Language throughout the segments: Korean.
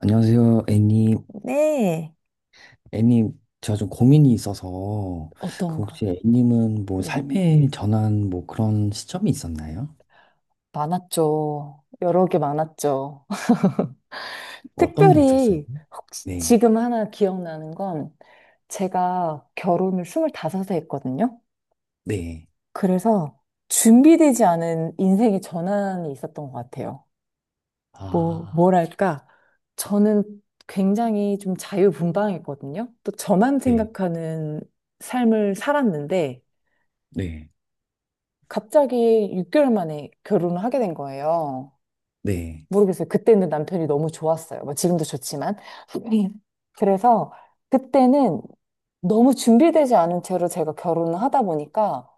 안녕하세요, 애님. 네. 애님, 제가 좀 고민이 있어서, 그 혹시 어떤가? 애님은 뭐 네. 삶의 전환 뭐 그런 시점이 있었나요? 많았죠. 여러 개 많았죠. 어떤 게 있었어요? 특별히 혹시 네, 지금 하나 기억나는 건 제가 결혼을 25세 했거든요. 네, 그래서 준비되지 않은 인생의 전환이 있었던 것 같아요. 아, 뭐랄까. 저는 굉장히 좀 자유분방했거든요. 또 저만 네, 생각하는 삶을 살았는데 네, 갑자기 6개월 만에 결혼을 하게 된 거예요. 네, 모르겠어요. 그때는 남편이 너무 좋았어요. 뭐 지금도 좋지만. 그래서 그때는 너무 준비되지 않은 채로 제가 결혼을 하다 보니까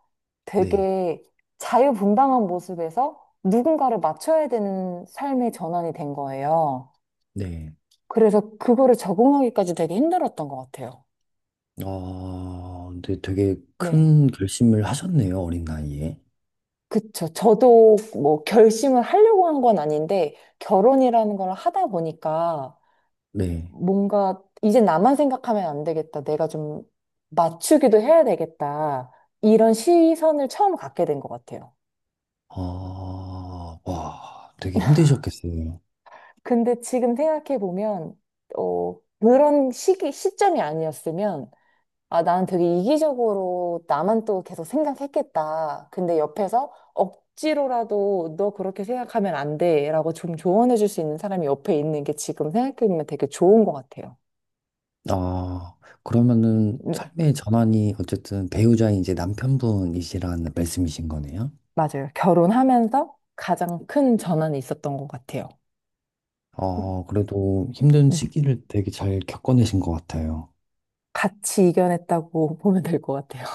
네, 되게 자유분방한 모습에서 누군가를 맞춰야 되는 삶의 전환이 된 거예요. 네. 그래서 그거를 적응하기까지 되게 힘들었던 것 같아요. 어, 근데 되게 네. 큰 결심을 하셨네요, 어린 나이에. 그쵸. 저도 뭐 결심을 하려고 한 건 아닌데 결혼이라는 걸 하다 보니까 네, 뭔가 이제 나만 생각하면 안 되겠다. 내가 좀 맞추기도 해야 되겠다. 이런 시선을 처음 갖게 된 것 같아요. 아, 와, 되게 힘드셨겠어요. 근데 지금 생각해 보면 어, 그런 시기 시점이 아니었으면 아, 나는 되게 이기적으로 나만 또 계속 생각했겠다. 근데 옆에서 억지로라도 너 그렇게 생각하면 안 돼라고 좀 조언해 줄 수 있는 사람이 옆에 있는 게 지금 생각해 보면 되게 좋은 것 같아요. 아, 그러면은 네. 삶의 전환이 어쨌든 배우자인 이제 남편분이시라는 말씀이신 거네요? 맞아요. 결혼하면서 가장 큰 전환이 있었던 것 같아요. 어, 그래도 힘든 음, 시기를 되게 잘 겪어내신 것 같아요. 같이 이겨냈다고 보면 될 것 같아요.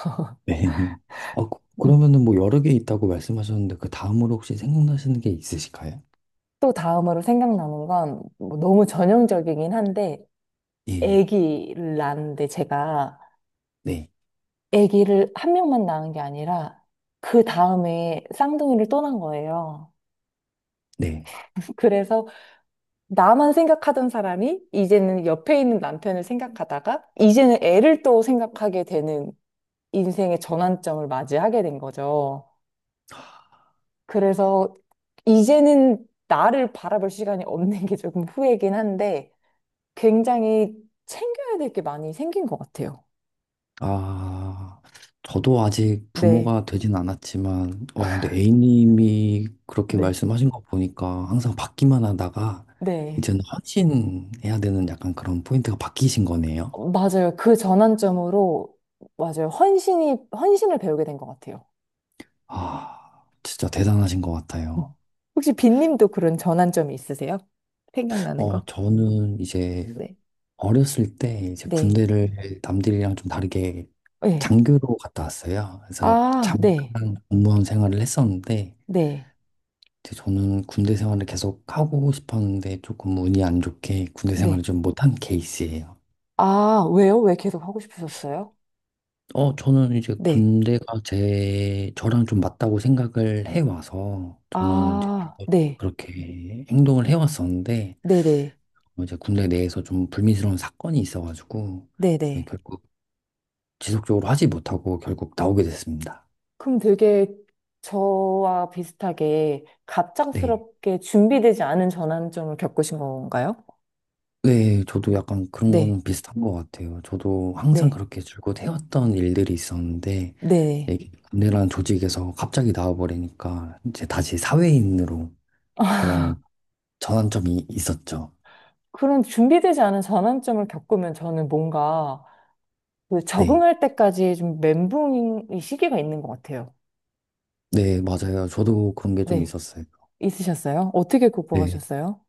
네. 아, 그- 음. 그러면은 뭐 여러 개 있다고 말씀하셨는데 그 다음으로 혹시 생각나시는 게 있으실까요? 또 다음으로 생각나는 건뭐 너무 전형적이긴 한데 예, 아기를 낳았는데 제가 네, 아기를 한 명만 낳은 게 아니라 그 다음에 쌍둥이를 또 낳은 거예요. 네. 그래서 나만 생각하던 사람이 이제는 옆에 있는 남편을 생각하다가 이제는 애를 또 생각하게 되는 인생의 전환점을 맞이하게 된 거죠. 그래서 이제는 나를 바라볼 시간이 없는 게 조금 후회긴 한데 굉장히 챙겨야 될 게 많이 생긴 것 같아요. 아, 저도 아직 네, 부모가 되진 않았지만, 어, 근데 A님이 그렇게 네, 말씀하신 거 보니까 항상 받기만 하다가 네. 이제는 헌신해야 되는 약간 그런 포인트가 바뀌신 거네요. 어, 맞아요. 그 전환점으로, 맞아요. 헌신을 배우게 된 것 같아요. 아, 진짜 대단하신 것 같아요. 음. 혹시 빈님도 그런 전환점이 있으세요? 생각나는 어, 거? 저는 이제 네, 어렸을 때 이제 네, 군대를 남들이랑 좀 다르게 네. 장교로 갔다 왔어요. 그래서 아, 네, 잠깐 공무원 생활을 했었는데, 네, 근데 저는 군대 생활을 계속 하고 싶었는데 조금 운이 안 좋게 군대 생활을 네. 좀 못한 케이스예요. 아, 왜요? 왜 계속 하고 싶으셨어요? 어, 저는 이제 네. 군대가 저랑 좀 맞다고 생각을 해와서 저는 이제 아, 네, 그렇게 행동을 해왔었는데 네네, 어, 이제 군대 내에서 좀 불미스러운 사건이 있어가지고 네, 네네. 결국 지속적으로 하지 못하고 결국 나오게 됐습니다. 그럼 되게 저와 비슷하게 네. 갑작스럽게 준비되지 않은 전환점을 겪으신 건가요? 네, 저도 약간 그런 네, 거는 비슷한 것 같아요. 저도 항상 네, 그렇게 줄곧 해왔던 일들이 있었는데, 네. 이게 군대라는 조직에서 갑자기 나와버리니까, 이제 다시 사회인으로 그런 전환점이 있었죠. 그런 준비되지 않은 전환점을 겪으면 저는 뭔가 그 네. 적응할 때까지 좀 멘붕이 시기가 있는 것 같아요. 네, 맞아요. 저도 그런 게 좀 네, 있었어요. 있으셨어요? 어떻게 네. 극복하셨어요?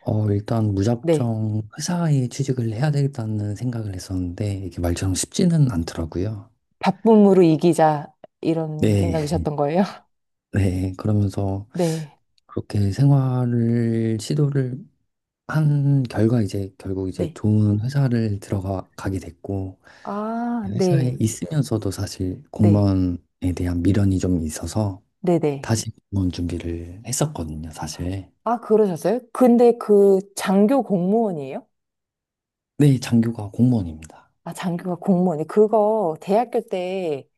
어, 일단 네. 무작정 회사에 취직을 해야 되겠다는 생각을 했었는데, 이게 말처럼 쉽지는 않더라고요. 바쁨으로 이기자 이런 네. 생각이셨던 거예요? 네. 그러면서 네, 시도를 한 결과 이제 결국 이제 네. 좋은 회사를 들어가게 됐고 아, 회사에 네, 있으면서도 사실 네, 공무원에 대한 미련이 좀 있어서 네, 네. 다시 공무원 준비를 했었거든요, 사실. 아, 그러셨어요? 근데 그 장교 공무원이에요? 네, 장교가 공무원입니다. 아, 장교가 공무원이 그거 대학교 때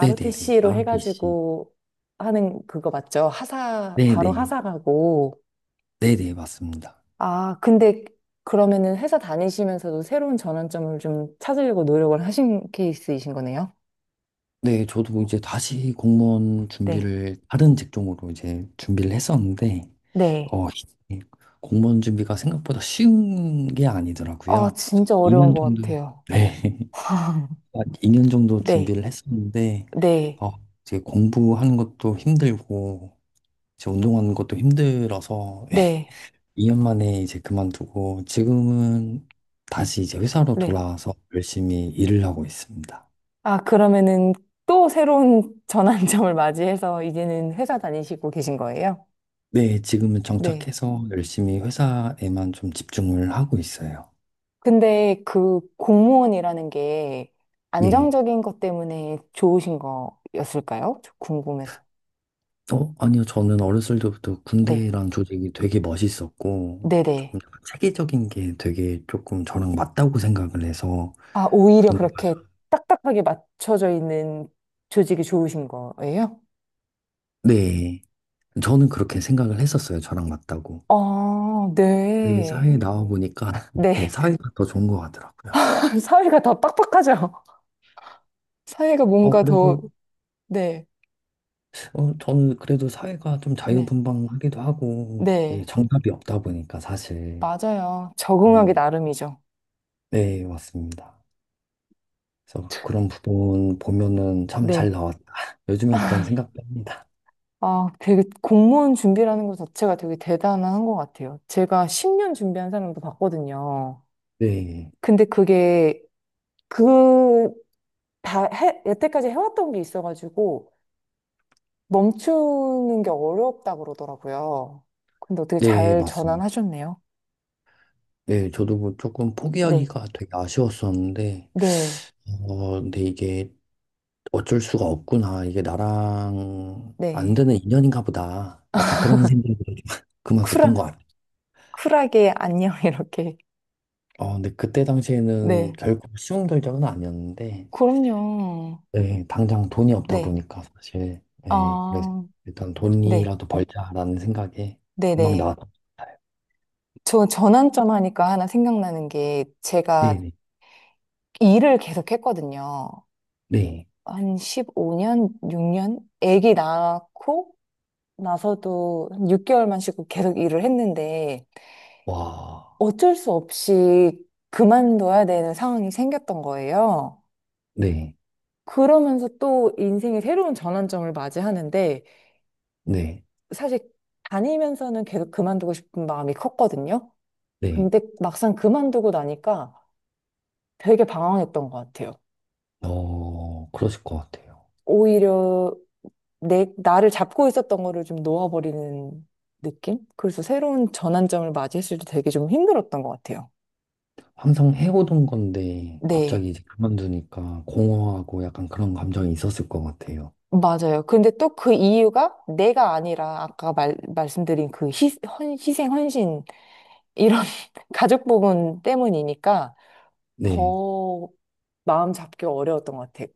네네네. ROTC. 해가지고 하는 그거 맞죠? 하사, 바로 네네. 하사 가고. 네네, 맞습니다. 아, 근데 그러면은 회사 다니시면서도 새로운 전환점을 좀 찾으려고 노력을 하신 케이스이신 거네요? 네, 저도 이제 다시 공무원 네. 준비를 다른 직종으로 이제 준비를 했었는데, 네. 어, 이 공무원 준비가 생각보다 쉬운 게 아, 아니더라고요. 그래서 진짜 어려운 2년 것 정도, 같아요. 네, 2년 정도 네. 준비를 했었는데, 네. 어, 이제 공부하는 것도 힘들고, 이제 운동하는 것도 힘들어서, 네. 2년 만에 이제 그만두고, 지금은 다시 이제 회사로 네. 돌아와서 열심히 일을 하고 있습니다. 아, 그러면은 또 새로운 전환점을 맞이해서 이제는 회사 다니시고 계신 거예요? 네, 지금은 네. 정착해서 열심히 회사에만 좀 집중을 하고 있어요. 근데 그 공무원이라는 게 예. 안정적인 것 때문에 좋으신 거였을까요? 저 궁금해서. 어, 아니요. 저는 어렸을 때부터 네. 군대란 조직이 되게 멋있었고, 네네. 조금 약간 체계적인 게 되게 조금 저랑 맞다고 생각을 해서, 아, 오히려 군대가 저, 그렇게 딱딱하게 맞춰져 있는 조직이 좋으신 거예요? 네. 저는 그렇게 생각을 했었어요. 저랑 맞다고. 아, 네, 네. 사회에 나와 보니까, 네, 네. 사회가 더 좋은 것 같더라고요. 사회가 더 빡빡하죠? 사회가 어, 뭔가 더, 그래서, 네. 어, 저는 그래도 사회가 좀 네. 자유분방하기도 하고, 이게 네. 정답이 없다 보니까 사실. 맞아요. 적응하기 네. 나름이죠. 네, 맞습니다. 그래서 그런 부분 보면은 참 잘 네. 나왔다. 요즘엔 그런 생각도 합니다. 아, 되게 공무원 준비라는 것 자체가 되게 대단한 것 같아요. 제가 10년 준비한 사람도 봤거든요. 네, 근데 그게 그, 여태까지 해왔던 게 있어가지고 멈추는 게 어렵다 그러더라고요. 근데 어떻게 네, 잘 맞습니다. 전환하셨네요. 네, 저도 뭐 조금 네. 포기하기가 되게 아쉬웠었는데, 네, 어, 근데 이게 어쩔 수가 없구나. 이게 나랑 안 네. 되는 인연인가 보다. 약간 그런 생각로 그만뒀던 것 쿨하, 같아요. 쿨하게 안녕, 이렇게. 어, 근데 그때 당시에는 네. 결국 쉬운 결정은 아니었는데, 그럼요. 네 당장 돈이 없다 네. 보니까 사실, 네 그래서 아, 일단 네. 돈이라도 벌자라는 생각에 금방 네네. 나왔던 것 같아요. 저 전환점 하니까 하나 생각나는 게 제가 네네, 일을 계속 했거든요. 네. 한 15년, 6년? 아기 낳고 나서도 한 6개월만 쉬고 계속 일을 했는데 와, 어쩔 수 없이 그만둬야 되는 상황이 생겼던 거예요. 네, 그러면서 또 인생의 새로운 전환점을 맞이하는데 네, 사실 다니면서는 계속 그만두고 싶은 마음이 컸거든요. 네. 근데 막상 그만두고 나니까 되게 방황했던 것 같아요. 어, 그러실 것 같아요. 오히려 나를 잡고 있었던 거를 좀 놓아버리는 느낌? 그래서 새로운 전환점을 맞이했을 때 되게 좀 힘들었던 것 같아요. 항상 해오던 건데, 네, 갑자기 이제 그만두니까 공허하고 약간 그런 감정이 있었을 것 같아요. 맞아요. 근데 또 그 이유가 내가 아니라 아까 말씀드린 그 희생, 헌신, 이런 가족 부분 때문이니까 네. 더 마음 잡기 어려웠던 것 같아요.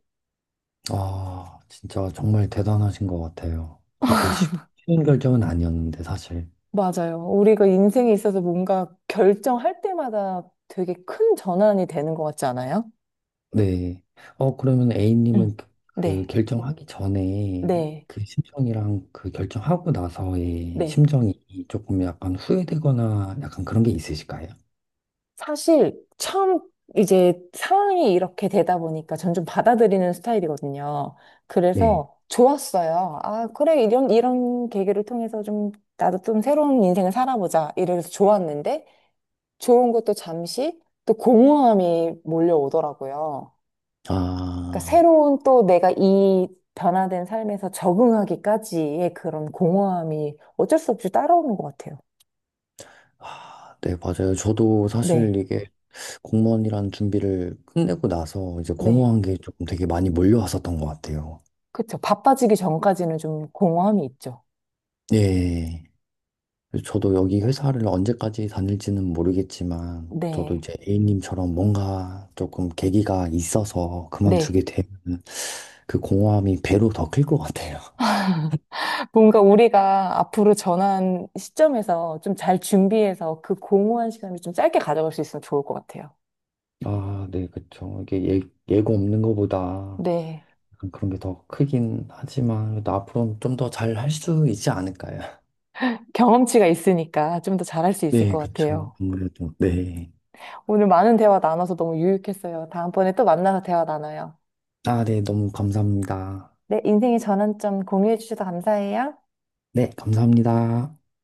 아, 진짜 정말 대단하신 것 같아요. 쉬운 결정은 아니었는데, 사실. 맞아요. 우리가 인생에 있어서 뭔가 결정할 때마다 되게 큰 전환이 되는 것 같지 않아요? 네. 어, 그러면 응. A님은 그, 그 네, 결정하기 전에 네, 그 심정이랑 그 결정하고 나서의 네. 심정이 조금 약간 후회되거나 약간 그런 게 있으실까요? 사실 처음 이제 상황이 이렇게 되다 보니까 전 좀 받아들이는 스타일이거든요. 네. 그래서 좋았어요. 아, 그래, 이런 계기를 통해서 좀 나도 좀 새로운 인생을 살아보자. 이래서 좋았는데 좋은 것도 잠시 또 공허함이 몰려오더라고요. 그러니까 아, 새로운 또 내가 이 변화된 삶에서 적응하기까지의 그런 공허함이 어쩔 수 없이 따라오는 것 같아요. 아, 네, 맞아요. 저도 사실 네, 이게 공무원이란 준비를 끝내고 나서 이제 네. 공허한 게 조금 되게 많이 몰려왔었던 것 같아요. 그쵸. 바빠지기 전까지는 좀 공허함이 있죠. 네. 저도 여기 회사를 언제까지 다닐지는 모르겠지만, 저도 네. 이제 A님처럼 뭔가 조금 계기가 있어서 네. 그만두게 되면 그 공허함이 배로 더 클 것 같아요. 뭔가 우리가 앞으로 전환 시점에서 좀 잘 준비해서 그 공허한 시간을 좀 짧게 가져갈 수 있으면 좋을 것 같아요. 아, 네, 그쵸. 예고 없는 것보다 네. 약간 그런 게 더 크긴 하지만, 그래도 앞으로 좀 더 잘 할 수 있지 않을까요? 경험치가 있으니까 좀 더 잘할 수 있을 네, 것 그쵸. 같아요. 아무래도, 네. 오늘 많은 대화 나눠서 너무 유익했어요. 다음번에 또 만나서 대화 나눠요. 아, 네, 너무 감사합니다. 네. 인생의 전환점 공유해 주셔서 감사해요. 네, 감사합니다.